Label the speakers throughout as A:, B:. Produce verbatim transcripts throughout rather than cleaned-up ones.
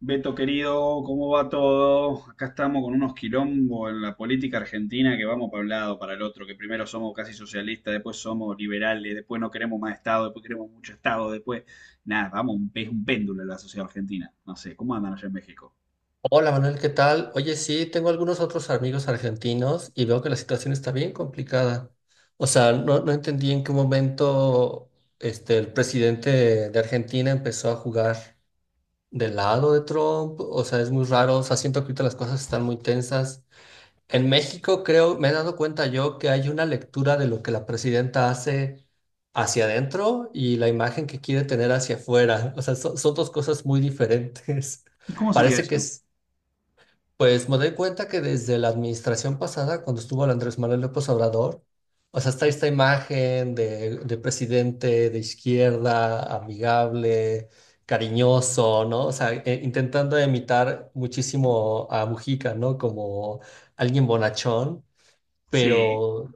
A: Beto querido, ¿cómo va todo? Acá estamos con unos quilombos en la política argentina que vamos para un lado, para el otro, que primero somos casi socialistas, después somos liberales, después no queremos más Estado, después queremos mucho Estado, después nada, vamos, un- es un péndulo la sociedad argentina. No sé, ¿cómo andan allá en México?
B: Hola Manuel, ¿qué tal? Oye, sí, tengo algunos otros amigos argentinos y veo que la situación está bien complicada. O sea, no, no entendí en qué momento este, el presidente de Argentina empezó a jugar del lado de Trump. O sea, es muy raro. O sea, siento que ahorita las cosas están muy tensas. En México creo, me he dado cuenta yo que hay una lectura de lo que la presidenta hace hacia adentro y la imagen que quiere tener hacia afuera. O sea, son son dos cosas muy diferentes.
A: ¿Y cómo sería
B: Parece que
A: eso?
B: es... Pues me doy cuenta que desde la administración pasada, cuando estuvo el Andrés Manuel López Obrador, o sea, está esta imagen de, de presidente de izquierda, amigable, cariñoso, ¿no? O sea, e- intentando imitar muchísimo a Mujica, ¿no? Como alguien bonachón,
A: Sí,
B: pero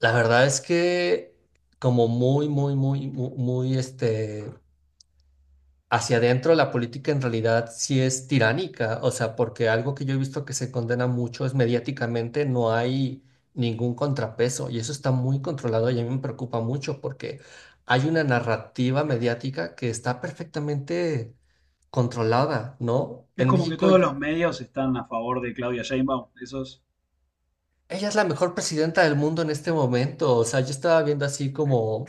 B: la verdad es que como muy, muy, muy, muy, muy, este, hacia adentro la política en realidad sí es tiránica. O sea, porque algo que yo he visto que se condena mucho es mediáticamente no hay ningún contrapeso y eso está muy controlado y a mí me preocupa mucho porque hay una narrativa mediática que está perfectamente controlada, ¿no?
A: es
B: En
A: como que
B: México,
A: todos
B: y-
A: los medios están a favor de Claudia Sheinbaum, esos,
B: ella es la mejor presidenta del mundo en este momento. O sea, yo estaba viendo así como: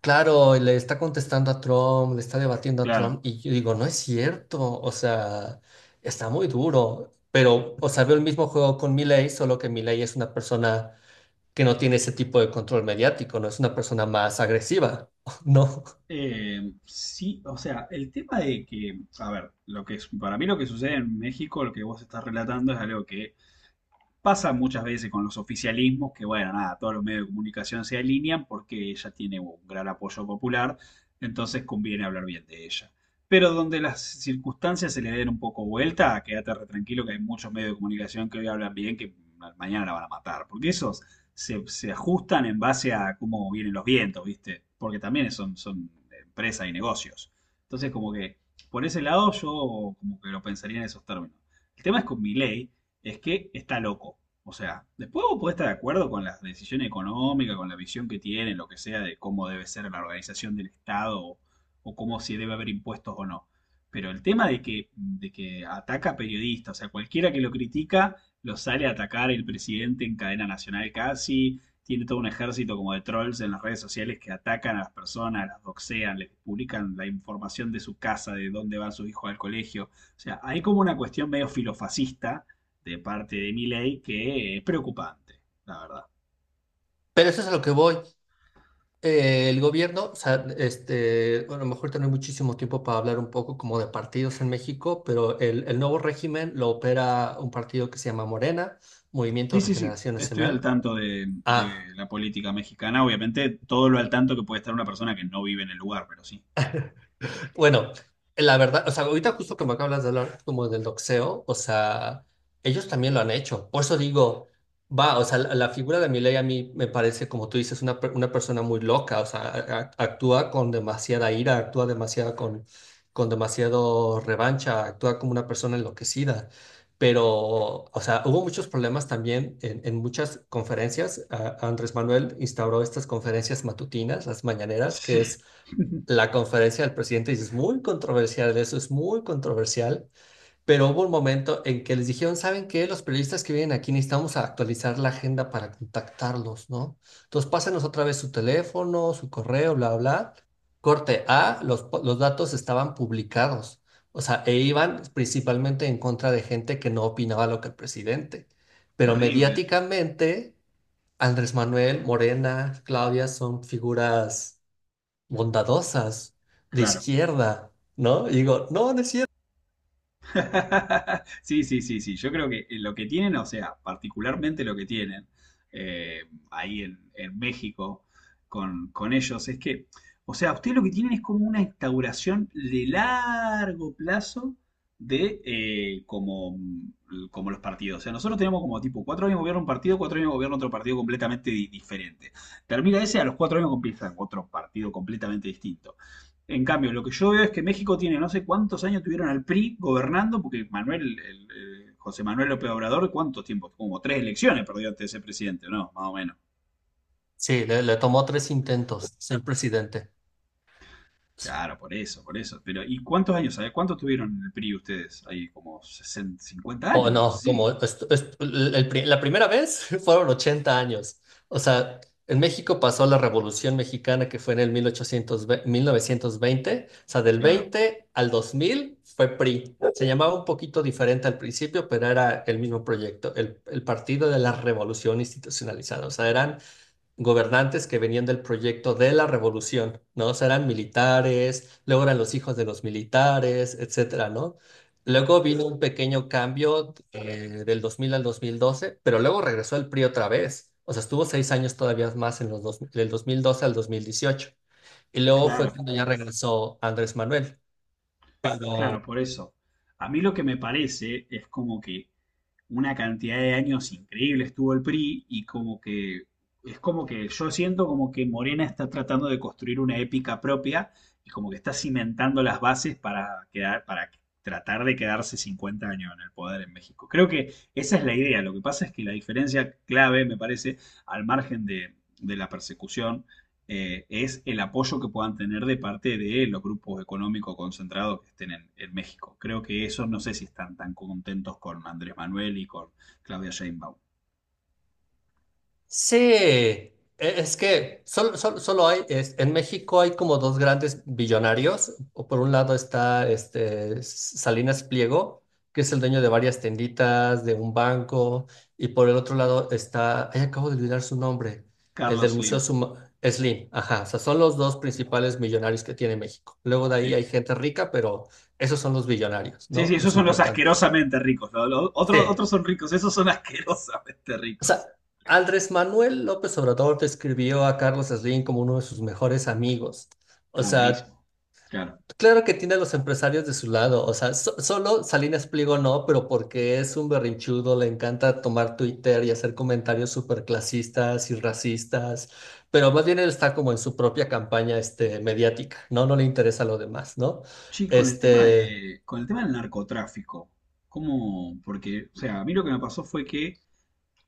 B: claro, y le está contestando a Trump, le está debatiendo a Trump,
A: claro.
B: y yo digo, no es cierto. O sea, está muy duro, pero, o sea, veo el mismo juego con Milei, solo que Milei es una persona que no tiene ese tipo de control mediático, no es una persona más agresiva, ¿no?
A: Eh, sí, o sea, el tema de que, a ver, lo que es, para mí lo que sucede en México, lo que vos estás relatando es algo que pasa muchas veces con los oficialismos que, bueno, nada, todos los medios de comunicación se alinean porque ella tiene un gran apoyo popular, entonces conviene hablar bien de ella. Pero donde las circunstancias se le den un poco vuelta, quédate re tranquilo que hay muchos medios de comunicación que hoy hablan bien que mañana la van a matar, porque esos se, se ajustan en base a cómo vienen los vientos, ¿viste? Porque también son, son empresas y negocios. Entonces, como que por ese lado yo como que lo pensaría en esos términos. El tema es con mi ley es que está loco. O sea, después vos podés estar de acuerdo con la decisión económica, con la visión que tienen, lo que sea, de cómo debe ser la organización del Estado o, o cómo si debe haber impuestos o no. Pero el tema de que, de que ataca a periodistas, o sea, cualquiera que lo critica lo sale a atacar el presidente en cadena nacional casi, tiene todo un ejército como de trolls en las redes sociales que atacan a las personas, las doxean, les publican la información de su casa, de dónde van sus hijos al colegio. O sea, hay como una cuestión medio filofascista de parte de Milei que es preocupante, la verdad.
B: Pero eso es a lo que voy. Eh, el gobierno, o sea, este, bueno, a lo mejor tenemos muchísimo tiempo para hablar un poco como de partidos en México, pero el, el nuevo régimen lo opera un partido que se llama Morena, Movimiento
A: Sí,
B: de
A: sí, sí.
B: Regeneración
A: Estoy al
B: Nacional.
A: tanto de,
B: Ah.
A: de la política mexicana. Obviamente, todo lo al tanto que puede estar una persona que no vive en el lugar, pero sí.
B: Bueno, la verdad, o sea, ahorita justo como acabas de hablar como del doxeo, o sea, ellos también lo han hecho. Por eso digo, va, o sea, la, la figura de Milei a mí me parece, como tú dices, una, per- una persona muy loca. O sea, a- a- actúa con demasiada ira, actúa demasiado con, con demasiado revancha, actúa como una persona enloquecida. Pero, o sea, hubo muchos problemas también en, en muchas conferencias. A- Andrés Manuel instauró estas conferencias matutinas, las mañaneras,
A: Sí.
B: que es la conferencia del presidente dice, es muy controversial, eso es muy controversial, pero hubo un momento en que les dijeron: ¿saben qué? Los periodistas que vienen aquí necesitamos actualizar la agenda para contactarlos, ¿no? Entonces pásenos otra vez su teléfono, su correo, bla, bla. Corte A, los, los datos estaban publicados, o sea, e iban principalmente en contra de gente que no opinaba lo que el presidente, pero
A: Terribles.
B: mediáticamente... Andrés Manuel, Morena, Claudia son figuras bondadosas, de
A: Claro.
B: izquierda, ¿no? Y digo, no, no es cierto.
A: Sí, sí, sí, sí. Yo creo que eh, lo que tienen, o sea, particularmente lo que tienen eh, ahí en, en México con, con ellos, es que, o sea, ustedes lo que tienen es como una instauración de largo plazo de eh, como, mm, como los partidos. O sea, nosotros tenemos como tipo cuatro años gobierno un partido, cuatro años gobierno otro partido completamente di- diferente. Termina ese, a los cuatro años empieza otro partido completamente distinto. En cambio, lo que yo veo es que México tiene no sé cuántos años tuvieron al P R I gobernando, porque Manuel, el, el eh, José Manuel López Obrador, ¿cuántos tiempos? Como tres elecciones perdió antes de ser presidente, ¿no? Más o menos.
B: Sí, le, le tomó tres intentos ser presidente.
A: Claro, por eso, por eso. Pero, ¿y cuántos años? ¿Sabes cuántos tuvieron en el P R I ustedes? Ahí como sesenta, cincuenta
B: O
A: años, una cosa
B: no,
A: así.
B: como est- est- el- pri- la primera vez fueron ochenta años. O sea, en México pasó la Revolución Mexicana que fue en el mil mil ochocientos ve- mil novecientos veinte. O sea, del
A: Claro,
B: veinte al dos mil fue P R I. Se llamaba un poquito diferente al principio, pero era el mismo proyecto, el, el Partido de la Revolución Institucionalizada. O sea, eran gobernantes que venían del proyecto de la revolución, ¿no? O sea, eran militares, luego eran los hijos de los militares, etcétera, ¿no? Luego vino un pequeño cambio eh, del dos mil al dos mil doce, pero luego regresó el P R I otra vez. O sea, estuvo seis años todavía más en los dos, del dos mil doce al dos mil dieciocho. Y luego fue
A: claro,
B: cuando ya regresó Andrés Manuel. Pero
A: claro, por eso. A mí lo que me parece es como que una cantidad de años increíble estuvo el P R I y como que es como que yo siento como que Morena está tratando de construir una épica propia y como que está cimentando las bases para quedar, para tratar de quedarse cincuenta años en el poder en México. Creo que esa es la idea. Lo que pasa es que la diferencia clave, me parece, al margen de, de la persecución eh, es el apoyo que puedan tener de parte de los grupos económicos concentrados que estén en, en México. Creo que esos no sé si están tan contentos con Andrés Manuel y con Claudia Sheinbaum.
B: sí, e- es que solo, solo, solo hay, es- en México hay como dos grandes billonarios. O por un lado está este S- Salinas Pliego, que es el dueño de varias tienditas, de un banco, y por el otro lado está, ay, acabo de olvidar su nombre, el del
A: Carlos
B: Museo
A: Slim,
B: Suma- Slim. Ajá, o sea, son los dos principales millonarios que tiene México. Luego de ahí
A: sí.
B: hay gente rica, pero esos son los billonarios,
A: Sí,
B: ¿no?
A: sí, esos
B: Los
A: son los
B: importantes.
A: asquerosamente ricos. Lo- lo- otro-
B: Sí.
A: otros son ricos, esos son asquerosamente
B: O sea,
A: ricos.
B: Andrés Manuel López Obrador describió a Carlos Slim como uno de sus mejores amigos. O
A: Ah,
B: sea,
A: buenísimo. Claro.
B: claro que tiene a los empresarios de su lado. O sea, so- solo Salinas Pliego no, pero porque es un berrinchudo, le encanta tomar Twitter y hacer comentarios súper clasistas y racistas. Pero más bien él está como en su propia campaña este, mediática, ¿no? No le interesa lo demás, ¿no?
A: Sí, con el tema
B: Este.
A: de, con el tema del narcotráfico, ¿cómo? Porque, o sea, a mí lo que me pasó fue que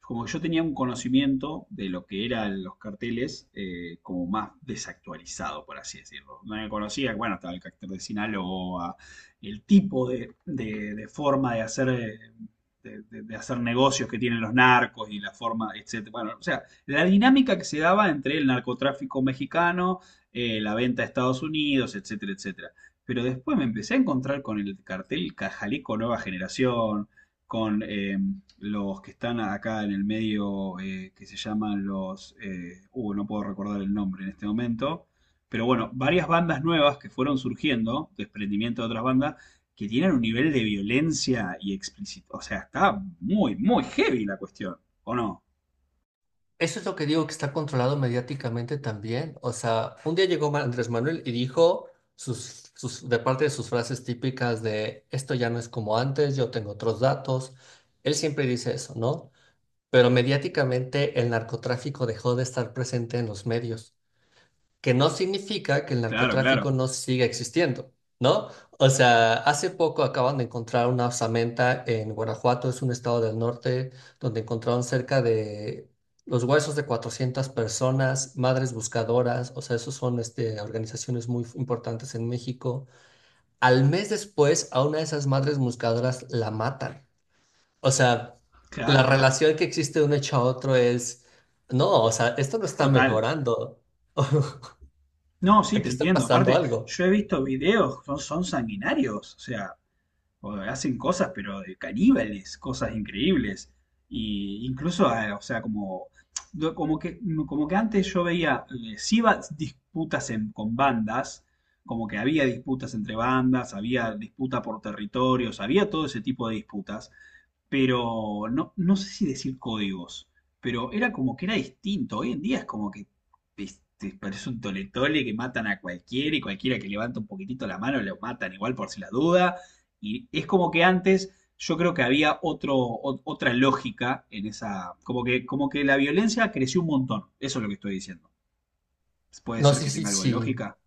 A: como que yo tenía un conocimiento de lo que eran los carteles eh, como más desactualizado, por así decirlo. No me conocía, bueno, estaba el cartel de Sinaloa, el tipo de, de- de forma de hacer, eh, de, de- de hacer negocios que tienen los narcos y la forma, etcétera. Bueno, o sea, la dinámica que se daba entre el narcotráfico mexicano, eh, la venta a Estados Unidos, etcétera, etcétera. Pero después me empecé a encontrar con el cartel Cajalico Nueva Generación, con eh, los que están acá en el medio, eh, que se llaman los... eh, uh, no puedo recordar el nombre en este momento, pero bueno, varias bandas nuevas que fueron surgiendo, desprendimiento de otras bandas, que tienen un nivel de violencia y explícito. O sea, está muy, muy heavy la cuestión, ¿o no?
B: Eso es lo que digo, que está controlado mediáticamente también. O sea, un día llegó Ma- Andrés Manuel y dijo sus, sus, de parte de sus frases típicas de esto ya no es como antes, yo tengo otros datos. Él siempre dice eso, ¿no? Pero mediáticamente el narcotráfico dejó de estar presente en los medios, que no significa que el
A: Claro,
B: narcotráfico
A: claro,
B: no siga existiendo, ¿no? O sea, hace poco acaban de encontrar una osamenta en Guanajuato, es un estado del norte, donde encontraron cerca de los huesos de cuatrocientas personas, madres buscadoras. O sea, esos son este, organizaciones muy importantes en México. Al mes después, a una de esas madres buscadoras la matan. O sea, la
A: claro, claro.
B: relación que existe de un hecho a otro es, no, o sea, esto no está
A: Total.
B: mejorando.
A: No, sí, te
B: Aquí está
A: entiendo.
B: pasando
A: Aparte,
B: algo.
A: yo he visto videos, son, son sanguinarios. O sea, o hacen cosas, pero de caníbales, cosas increíbles. Y incluso, ah, o sea, como, no, como, que, como que antes yo veía, eh, sí iba disputas en- con bandas, como que había disputas entre bandas, había disputa por territorios, había todo ese tipo de disputas, pero no, no sé si decir códigos, pero era como que era distinto. Hoy en día es como que este, parece un tole-tole que matan a cualquiera y cualquiera que levanta un poquitito la mano lo matan igual por si la duda. Y es como que antes yo creo que había otro, o- otra lógica en esa, como que, como que la violencia creció un montón, eso es lo que estoy diciendo. Puede
B: No
A: ser
B: sé
A: que
B: si,
A: tenga algo de
B: si,
A: lógica.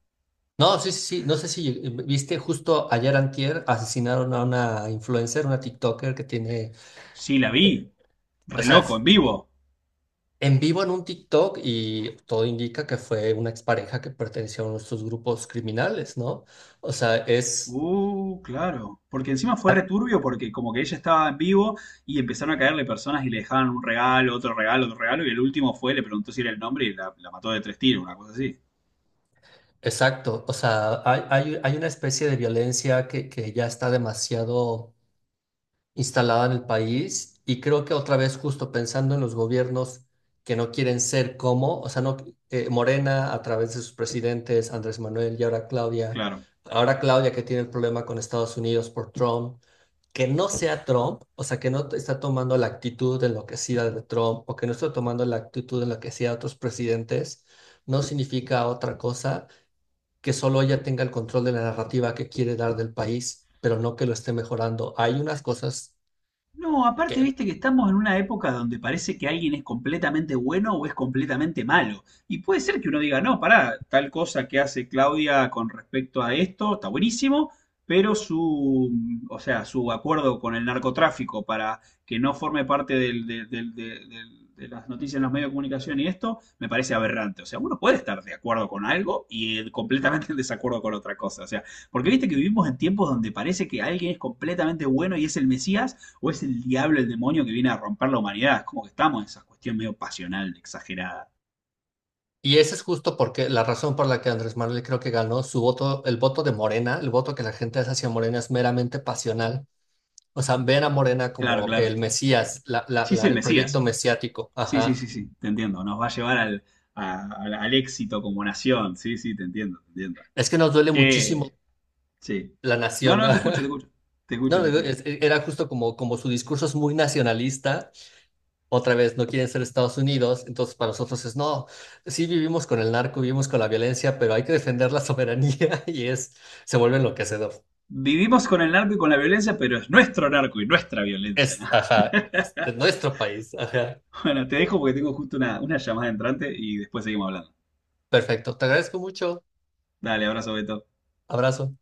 B: no, sí, sí, sí, no sé si eh, viste justo ayer antier asesinaron a una influencer, una TikToker que tiene,
A: Sí, la vi,
B: eh, o
A: re
B: sea,
A: loco,
B: es
A: en vivo.
B: en vivo en un TikTok y todo indica que fue una expareja que perteneció a uno de estos grupos criminales, ¿no? O sea, es,
A: Uh, claro. Porque encima fue
B: ah,
A: returbio porque como que ella estaba en vivo y empezaron a caerle personas y le dejaban un regalo, otro regalo, otro regalo, y el último fue, le preguntó si era el nombre y la, la mató de tres tiros, una cosa así.
B: exacto, o sea, hay, hay, hay una especie de violencia que, que ya está demasiado instalada en el país y creo que otra vez justo pensando en los gobiernos que no quieren ser como, o sea, no, eh, Morena a través de sus presidentes, Andrés Manuel y ahora Claudia,
A: Claro.
B: ahora Claudia que tiene el problema con Estados Unidos por Trump, que no sea Trump, o sea, que no está tomando la actitud enloquecida de Trump o que no está tomando la actitud enloquecida de otros presidentes, no significa otra cosa que solo ella tenga el control de la narrativa que quiere dar del país, pero no que lo esté mejorando. Hay unas cosas
A: No, aparte,
B: que
A: viste que estamos en una época donde parece que alguien es completamente bueno o es completamente malo. Y puede ser que uno diga, no, pará, tal cosa que hace Claudia con respecto a esto está buenísimo, pero su, mm, o sea, su acuerdo con el narcotráfico para que no forme parte del- del- del- del- del- de las noticias en los medios de comunicación y esto me parece aberrante. O sea, uno puede estar de acuerdo con algo y eh, completamente en desacuerdo con otra cosa. O sea, porque viste que vivimos en tiempos donde parece que alguien es completamente bueno y es el Mesías o es el diablo, el demonio que viene a romper la humanidad. Es como que estamos en esa cuestión medio pasional, exagerada.
B: y esa es justo porque la razón por la que Andrés Manuel creo que ganó su voto, el voto de Morena, el voto que la gente hace hacia Morena es meramente pasional. O sea, ven a Morena
A: Claro,
B: como
A: claro.
B: el Mesías, la, la,
A: Sí, sí,
B: la-
A: el
B: el proyecto
A: Mesías.
B: mesiático.
A: Sí, sí,
B: Ajá.
A: sí, sí, te entiendo. Nos va a llevar al, a- al- al éxito como nación. Sí, sí, te entiendo, te entiendo.
B: Es que nos duele muchísimo
A: Che, sí.
B: la
A: No,
B: nación.
A: no, te escucho, te escucho. Te escucho,
B: No,
A: te
B: digo,
A: escucho.
B: es- e, era justo como, como su discurso es muy nacionalista. Otra vez, no quieren ser Estados Unidos. Entonces, para nosotros es no. Sí, vivimos con el narco, vivimos con la violencia, pero hay que defender la soberanía y es, se vuelve enloquecedor.
A: Vivimos con el narco y con la violencia, pero es nuestro narco y nuestra violencia,
B: Es,
A: ¿no?
B: ajá, de nuestro país, ajá.
A: Bueno, te dejo porque tengo justo una, una llamada entrante y después seguimos hablando.
B: Perfecto, te agradezco mucho.
A: Dale, abrazo, Beto.
B: Abrazo.